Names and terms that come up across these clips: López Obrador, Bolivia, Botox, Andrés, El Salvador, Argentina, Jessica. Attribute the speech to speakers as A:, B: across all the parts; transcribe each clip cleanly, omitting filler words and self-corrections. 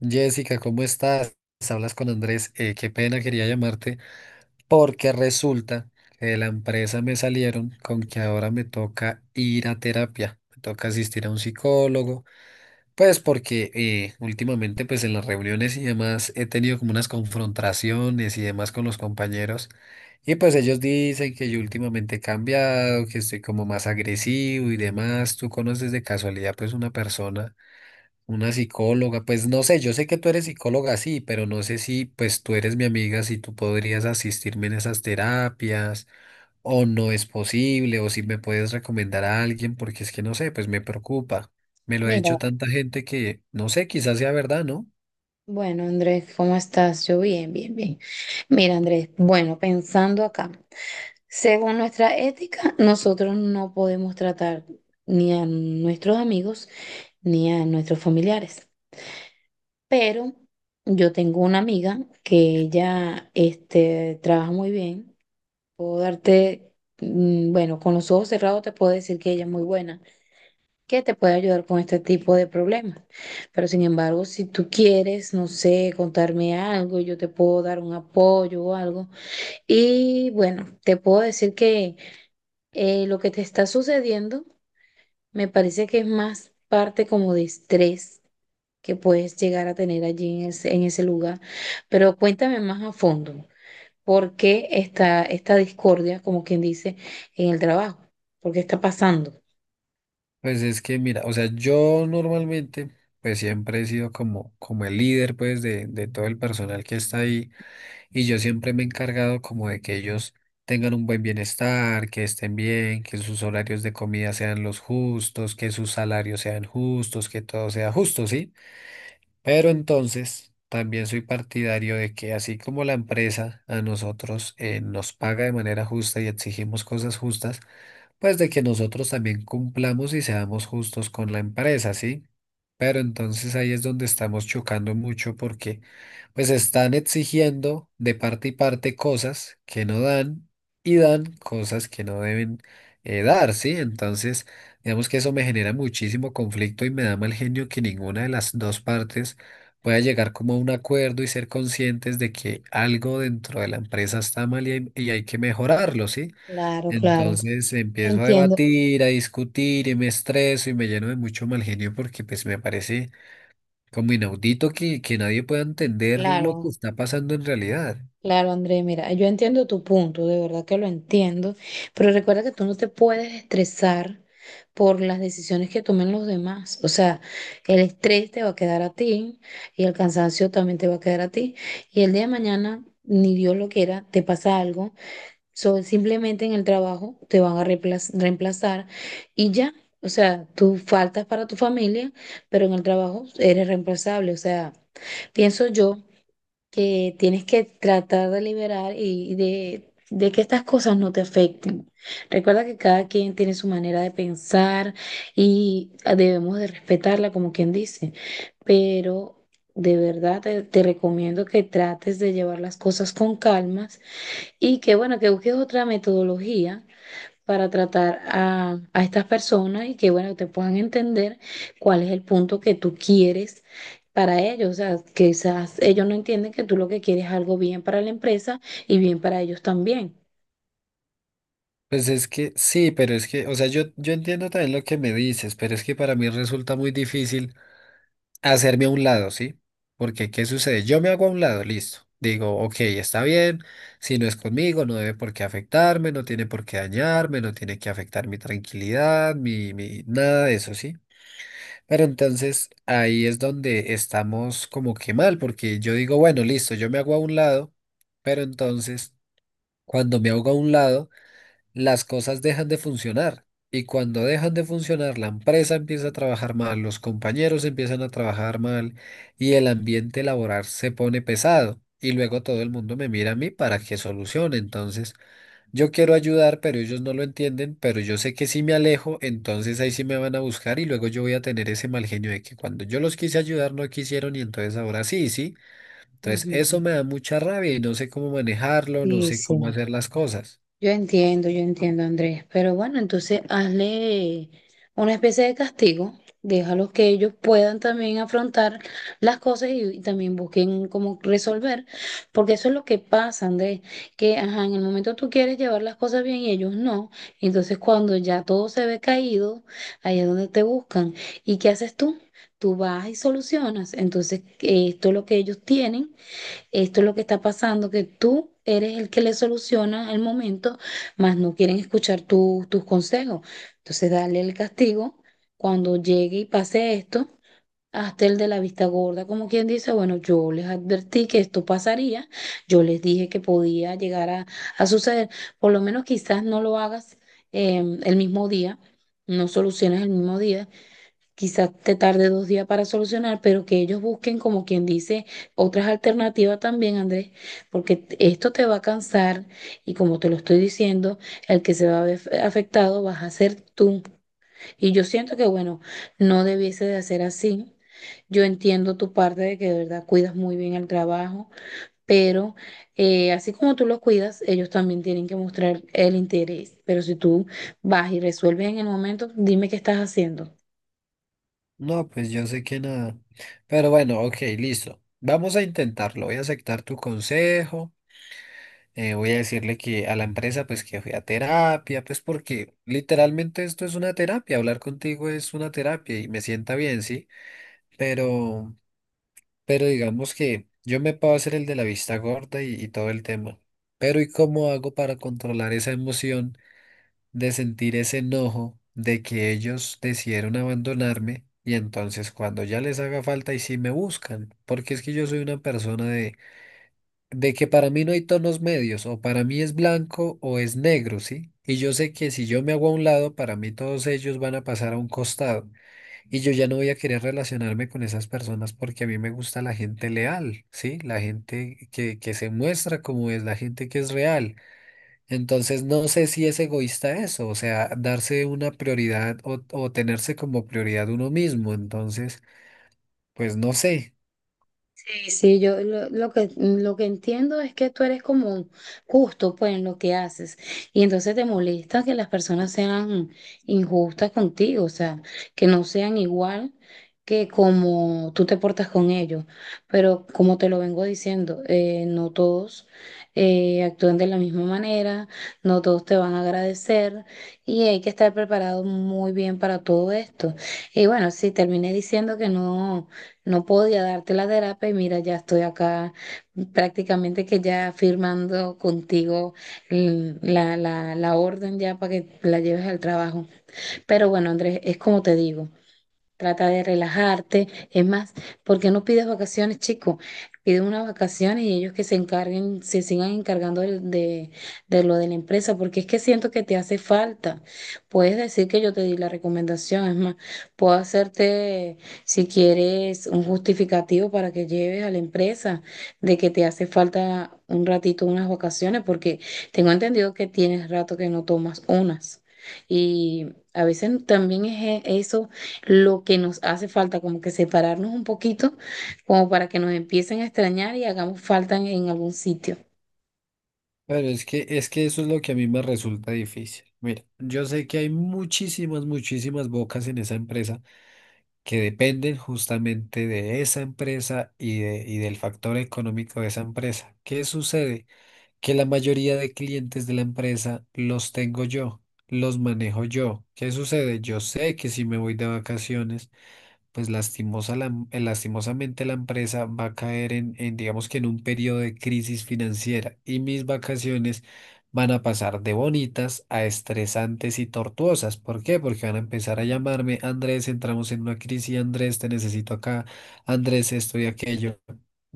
A: Jessica, ¿cómo estás? Hablas con Andrés. Qué pena, quería llamarte porque resulta que de la empresa me salieron con que ahora me toca ir a terapia, me toca asistir a un psicólogo, pues porque últimamente pues en las reuniones y demás he tenido como unas confrontaciones y demás con los compañeros y pues ellos dicen que yo últimamente he cambiado, que estoy como más agresivo y demás. ¿Tú conoces de casualidad pues una persona? Una psicóloga, pues no sé, yo sé que tú eres psicóloga, sí, pero no sé si pues tú eres mi amiga, si tú podrías asistirme en esas terapias o no es posible o si me puedes recomendar a alguien porque es que no sé, pues me preocupa. Me lo ha
B: Mira,
A: dicho tanta gente que no sé, quizás sea verdad, ¿no?
B: bueno, Andrés, ¿cómo estás? Yo bien, bien, bien. Mira, Andrés, bueno, pensando acá, según nuestra ética, nosotros no podemos tratar ni a nuestros amigos ni a nuestros familiares. Pero yo tengo una amiga que ella, trabaja muy bien. Puedo darte, bueno, con los ojos cerrados te puedo decir que ella es muy buena, que te puede ayudar con este tipo de problemas. Pero sin embargo, si tú quieres, no sé, contarme algo, yo te puedo dar un apoyo o algo. Y bueno, te puedo decir que lo que te está sucediendo me parece que es más parte como de estrés que puedes llegar a tener allí en ese lugar. Pero cuéntame más a fondo, ¿por qué está esta discordia, como quien dice, en el trabajo? ¿Por qué está pasando?
A: Pues es que mira, o sea, yo normalmente pues siempre he sido como el líder pues de todo el personal que está ahí. Y yo siempre me he encargado como de que ellos tengan un buen bienestar, que estén bien, que sus horarios de comida sean los justos, que sus salarios sean justos, que todo sea justo, ¿sí? Pero entonces también soy partidario de que así como la empresa a nosotros nos paga de manera justa y exigimos cosas justas, pues de que nosotros también cumplamos y seamos justos con la empresa, ¿sí? Pero entonces ahí es donde estamos chocando mucho porque pues están exigiendo de parte y parte cosas que no dan y dan cosas que no deben dar, ¿sí? Entonces digamos que eso me genera muchísimo conflicto y me da mal genio que ninguna de las dos partes pueda llegar como a un acuerdo y ser conscientes de que algo dentro de la empresa está mal y hay que mejorarlo, ¿sí?
B: Claro, claro,
A: Entonces empiezo a
B: entiendo.
A: debatir, a discutir y me estreso y me lleno de mucho mal genio porque pues me parece como inaudito que nadie pueda entender lo que
B: Claro,
A: está pasando en realidad.
B: claro, André, mira, yo entiendo tu punto, de verdad que lo entiendo, pero recuerda que tú no te puedes estresar por las decisiones que tomen los demás. O sea, el estrés te va a quedar a ti y el cansancio también te va a quedar a ti. Y el día de mañana, ni Dios lo quiera, te pasa algo, simplemente en el trabajo te van a reemplazar y ya. O sea, tú faltas para tu familia, pero en el trabajo eres reemplazable. O sea, pienso yo que tienes que tratar de liberar y de que estas cosas no te afecten. Recuerda que cada quien tiene su manera de pensar y debemos de respetarla, como quien dice, pero de verdad te recomiendo que trates de llevar las cosas con calmas y que, bueno, que busques otra metodología para tratar a estas personas y que, bueno, te puedan entender cuál es el punto que tú quieres para ellos. O sea, quizás ellos no entienden que tú lo que quieres es algo bien para la empresa y bien para ellos también.
A: Pues es que sí, pero es que, o sea, yo entiendo también lo que me dices, pero es que para mí resulta muy difícil hacerme a un lado, ¿sí? Porque, ¿qué sucede? Yo me hago a un lado, listo. Digo, ok, está bien, si no es conmigo, no debe por qué afectarme, no tiene por qué dañarme, no tiene que afectar mi tranquilidad, nada de eso, ¿sí? Pero entonces ahí es donde estamos como que mal, porque yo digo, bueno, listo, yo me hago a un lado, pero entonces cuando me hago a un lado, las cosas dejan de funcionar. Y cuando dejan de funcionar, la empresa empieza a trabajar mal, los compañeros empiezan a trabajar mal y el ambiente laboral se pone pesado. Y luego todo el mundo me mira a mí para que solucione. Entonces, yo quiero ayudar, pero ellos no lo entienden, pero yo sé que si me alejo, entonces ahí sí me van a buscar y luego yo voy a tener ese mal genio de que cuando yo los quise ayudar no quisieron y entonces ahora sí, sí. Entonces, eso
B: Ujú.
A: me da mucha rabia y no sé cómo manejarlo, no
B: Sí,
A: sé cómo
B: sí.
A: hacer las cosas.
B: Yo entiendo, Andrés, pero bueno, entonces hazle una especie de castigo, déjalos que ellos puedan también afrontar las cosas y también busquen cómo resolver, porque eso es lo que pasa, Andrés, que ajá, en el momento tú quieres llevar las cosas bien y ellos no, entonces cuando ya todo se ve caído, ahí es donde te buscan. ¿Y qué haces tú? Tú vas y solucionas, entonces esto es lo que ellos tienen. Esto es lo que está pasando, que tú eres el que le soluciona el momento, mas no quieren escuchar tus consejos. Entonces, dale el castigo. Cuando llegue y pase esto, hasta el de la vista gorda, como quien dice, bueno, yo les advertí que esto pasaría, yo les dije que podía llegar a suceder. Por lo menos quizás no lo hagas el mismo día, no soluciones el mismo día, quizás te tarde dos días para solucionar, pero que ellos busquen, como quien dice, otras alternativas también, Andrés, porque esto te va a cansar y como te lo estoy diciendo, el que se va a ver afectado vas a ser tú. Y yo siento que, bueno, no debiese de hacer así. Yo entiendo tu parte de que de verdad cuidas muy bien el trabajo, pero así como tú lo cuidas, ellos también tienen que mostrar el interés. Pero si tú vas y resuelves en el momento, dime qué estás haciendo.
A: No, pues yo sé que nada. Pero bueno, ok, listo. Vamos a intentarlo. Voy a aceptar tu consejo. Voy a decirle que a la empresa, pues que fui a terapia, pues porque literalmente esto es una terapia. Hablar contigo es una terapia y me sienta bien, sí. Pero, pero digamos que yo me puedo hacer el de la vista gorda y todo el tema. Pero ¿y cómo hago para controlar esa emoción de sentir ese enojo de que ellos decidieron abandonarme y entonces cuando ya les haga falta y sí me buscan, porque es que yo soy una persona de que para mí no hay tonos medios, o para mí es blanco o es negro, ¿sí? Y yo sé que si yo me hago a un lado, para mí todos ellos van a pasar a un costado. Y yo ya no voy a querer relacionarme con esas personas porque a mí me gusta la gente leal, ¿sí? La gente que se muestra como es, la gente que es real. Entonces, no sé si es egoísta eso, o sea, darse una prioridad o tenerse como prioridad uno mismo. Entonces, pues no sé.
B: Sí, sí, lo que entiendo es que tú eres como justo pues en lo que haces y entonces te molesta que las personas sean injustas contigo, o sea, que no sean igual que como tú te portas con ellos, pero como te lo vengo diciendo, no todos actúan de la misma manera, no todos te van a agradecer y hay que estar preparado muy bien para todo esto. Y bueno, sí, terminé diciendo que no. No podía darte la terapia y mira, ya estoy acá prácticamente que ya firmando contigo la orden ya para que la lleves al trabajo. Pero bueno, Andrés, es como te digo, trata de relajarte. Es más, porque no pides vacaciones, chico? Pide unas vacaciones y ellos que se encarguen, se sigan encargando de lo de la empresa, porque es que siento que te hace falta. Puedes decir que yo te di la recomendación, es más, puedo hacerte, si quieres, un justificativo para que lleves a la empresa de que te hace falta un ratito, unas vacaciones, porque tengo entendido que tienes rato que no tomas unas. Y a veces también es eso lo que nos hace falta, como que separarnos un poquito, como para que nos empiecen a extrañar y hagamos falta en algún sitio.
A: Pero es que eso es lo que a mí me resulta difícil. Mira, yo sé que hay muchísimas, muchísimas bocas en esa empresa que dependen justamente de esa empresa y del factor económico de esa empresa. ¿Qué sucede? Que la mayoría de clientes de la empresa los tengo yo, los manejo yo. ¿Qué sucede? Yo sé que si me voy de vacaciones, pues lastimosamente la empresa va a caer en digamos que en un periodo de crisis financiera y mis vacaciones van a pasar de bonitas a estresantes y tortuosas. ¿Por qué? Porque van a empezar a llamarme: Andrés, entramos en una crisis, Andrés, te necesito acá, Andrés, esto y aquello.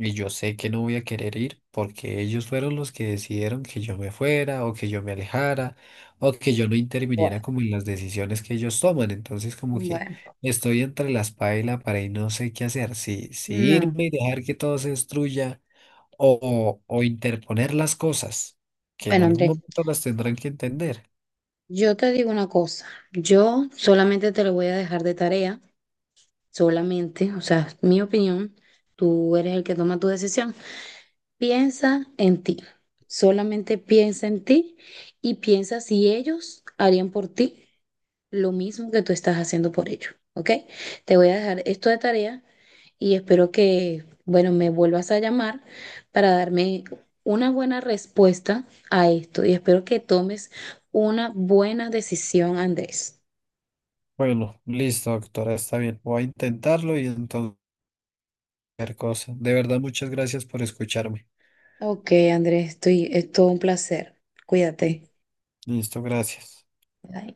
A: Y yo sé que no voy a querer ir porque ellos fueron los que decidieron que yo me fuera o que yo me alejara o que yo no
B: Bueno,
A: interviniera como en las decisiones que ellos toman. Entonces, como que...
B: bueno,
A: Estoy entre la espada y la pared y no sé qué hacer. Si, si
B: no.
A: irme y dejar que todo se destruya o interponer las cosas, que en
B: Bueno,
A: algún
B: Andrés,
A: momento las tendrán que entender.
B: yo te digo una cosa, yo solamente te lo voy a dejar de tarea, solamente, o sea, es mi opinión, tú eres el que toma tu decisión. Piensa en ti, solamente piensa en ti y piensa si ellos harían por ti lo mismo que tú estás haciendo por ello, ¿ok? Te voy a dejar esto de tarea y espero que, bueno, me vuelvas a llamar para darme una buena respuesta a esto y espero que tomes una buena decisión, Andrés.
A: Bueno, listo, doctora, está bien. Voy a intentarlo y entonces cualquier cosa. De verdad, muchas gracias por escucharme.
B: Ok, Andrés, estoy, es todo un placer. Cuídate.
A: Listo, gracias.
B: Bye.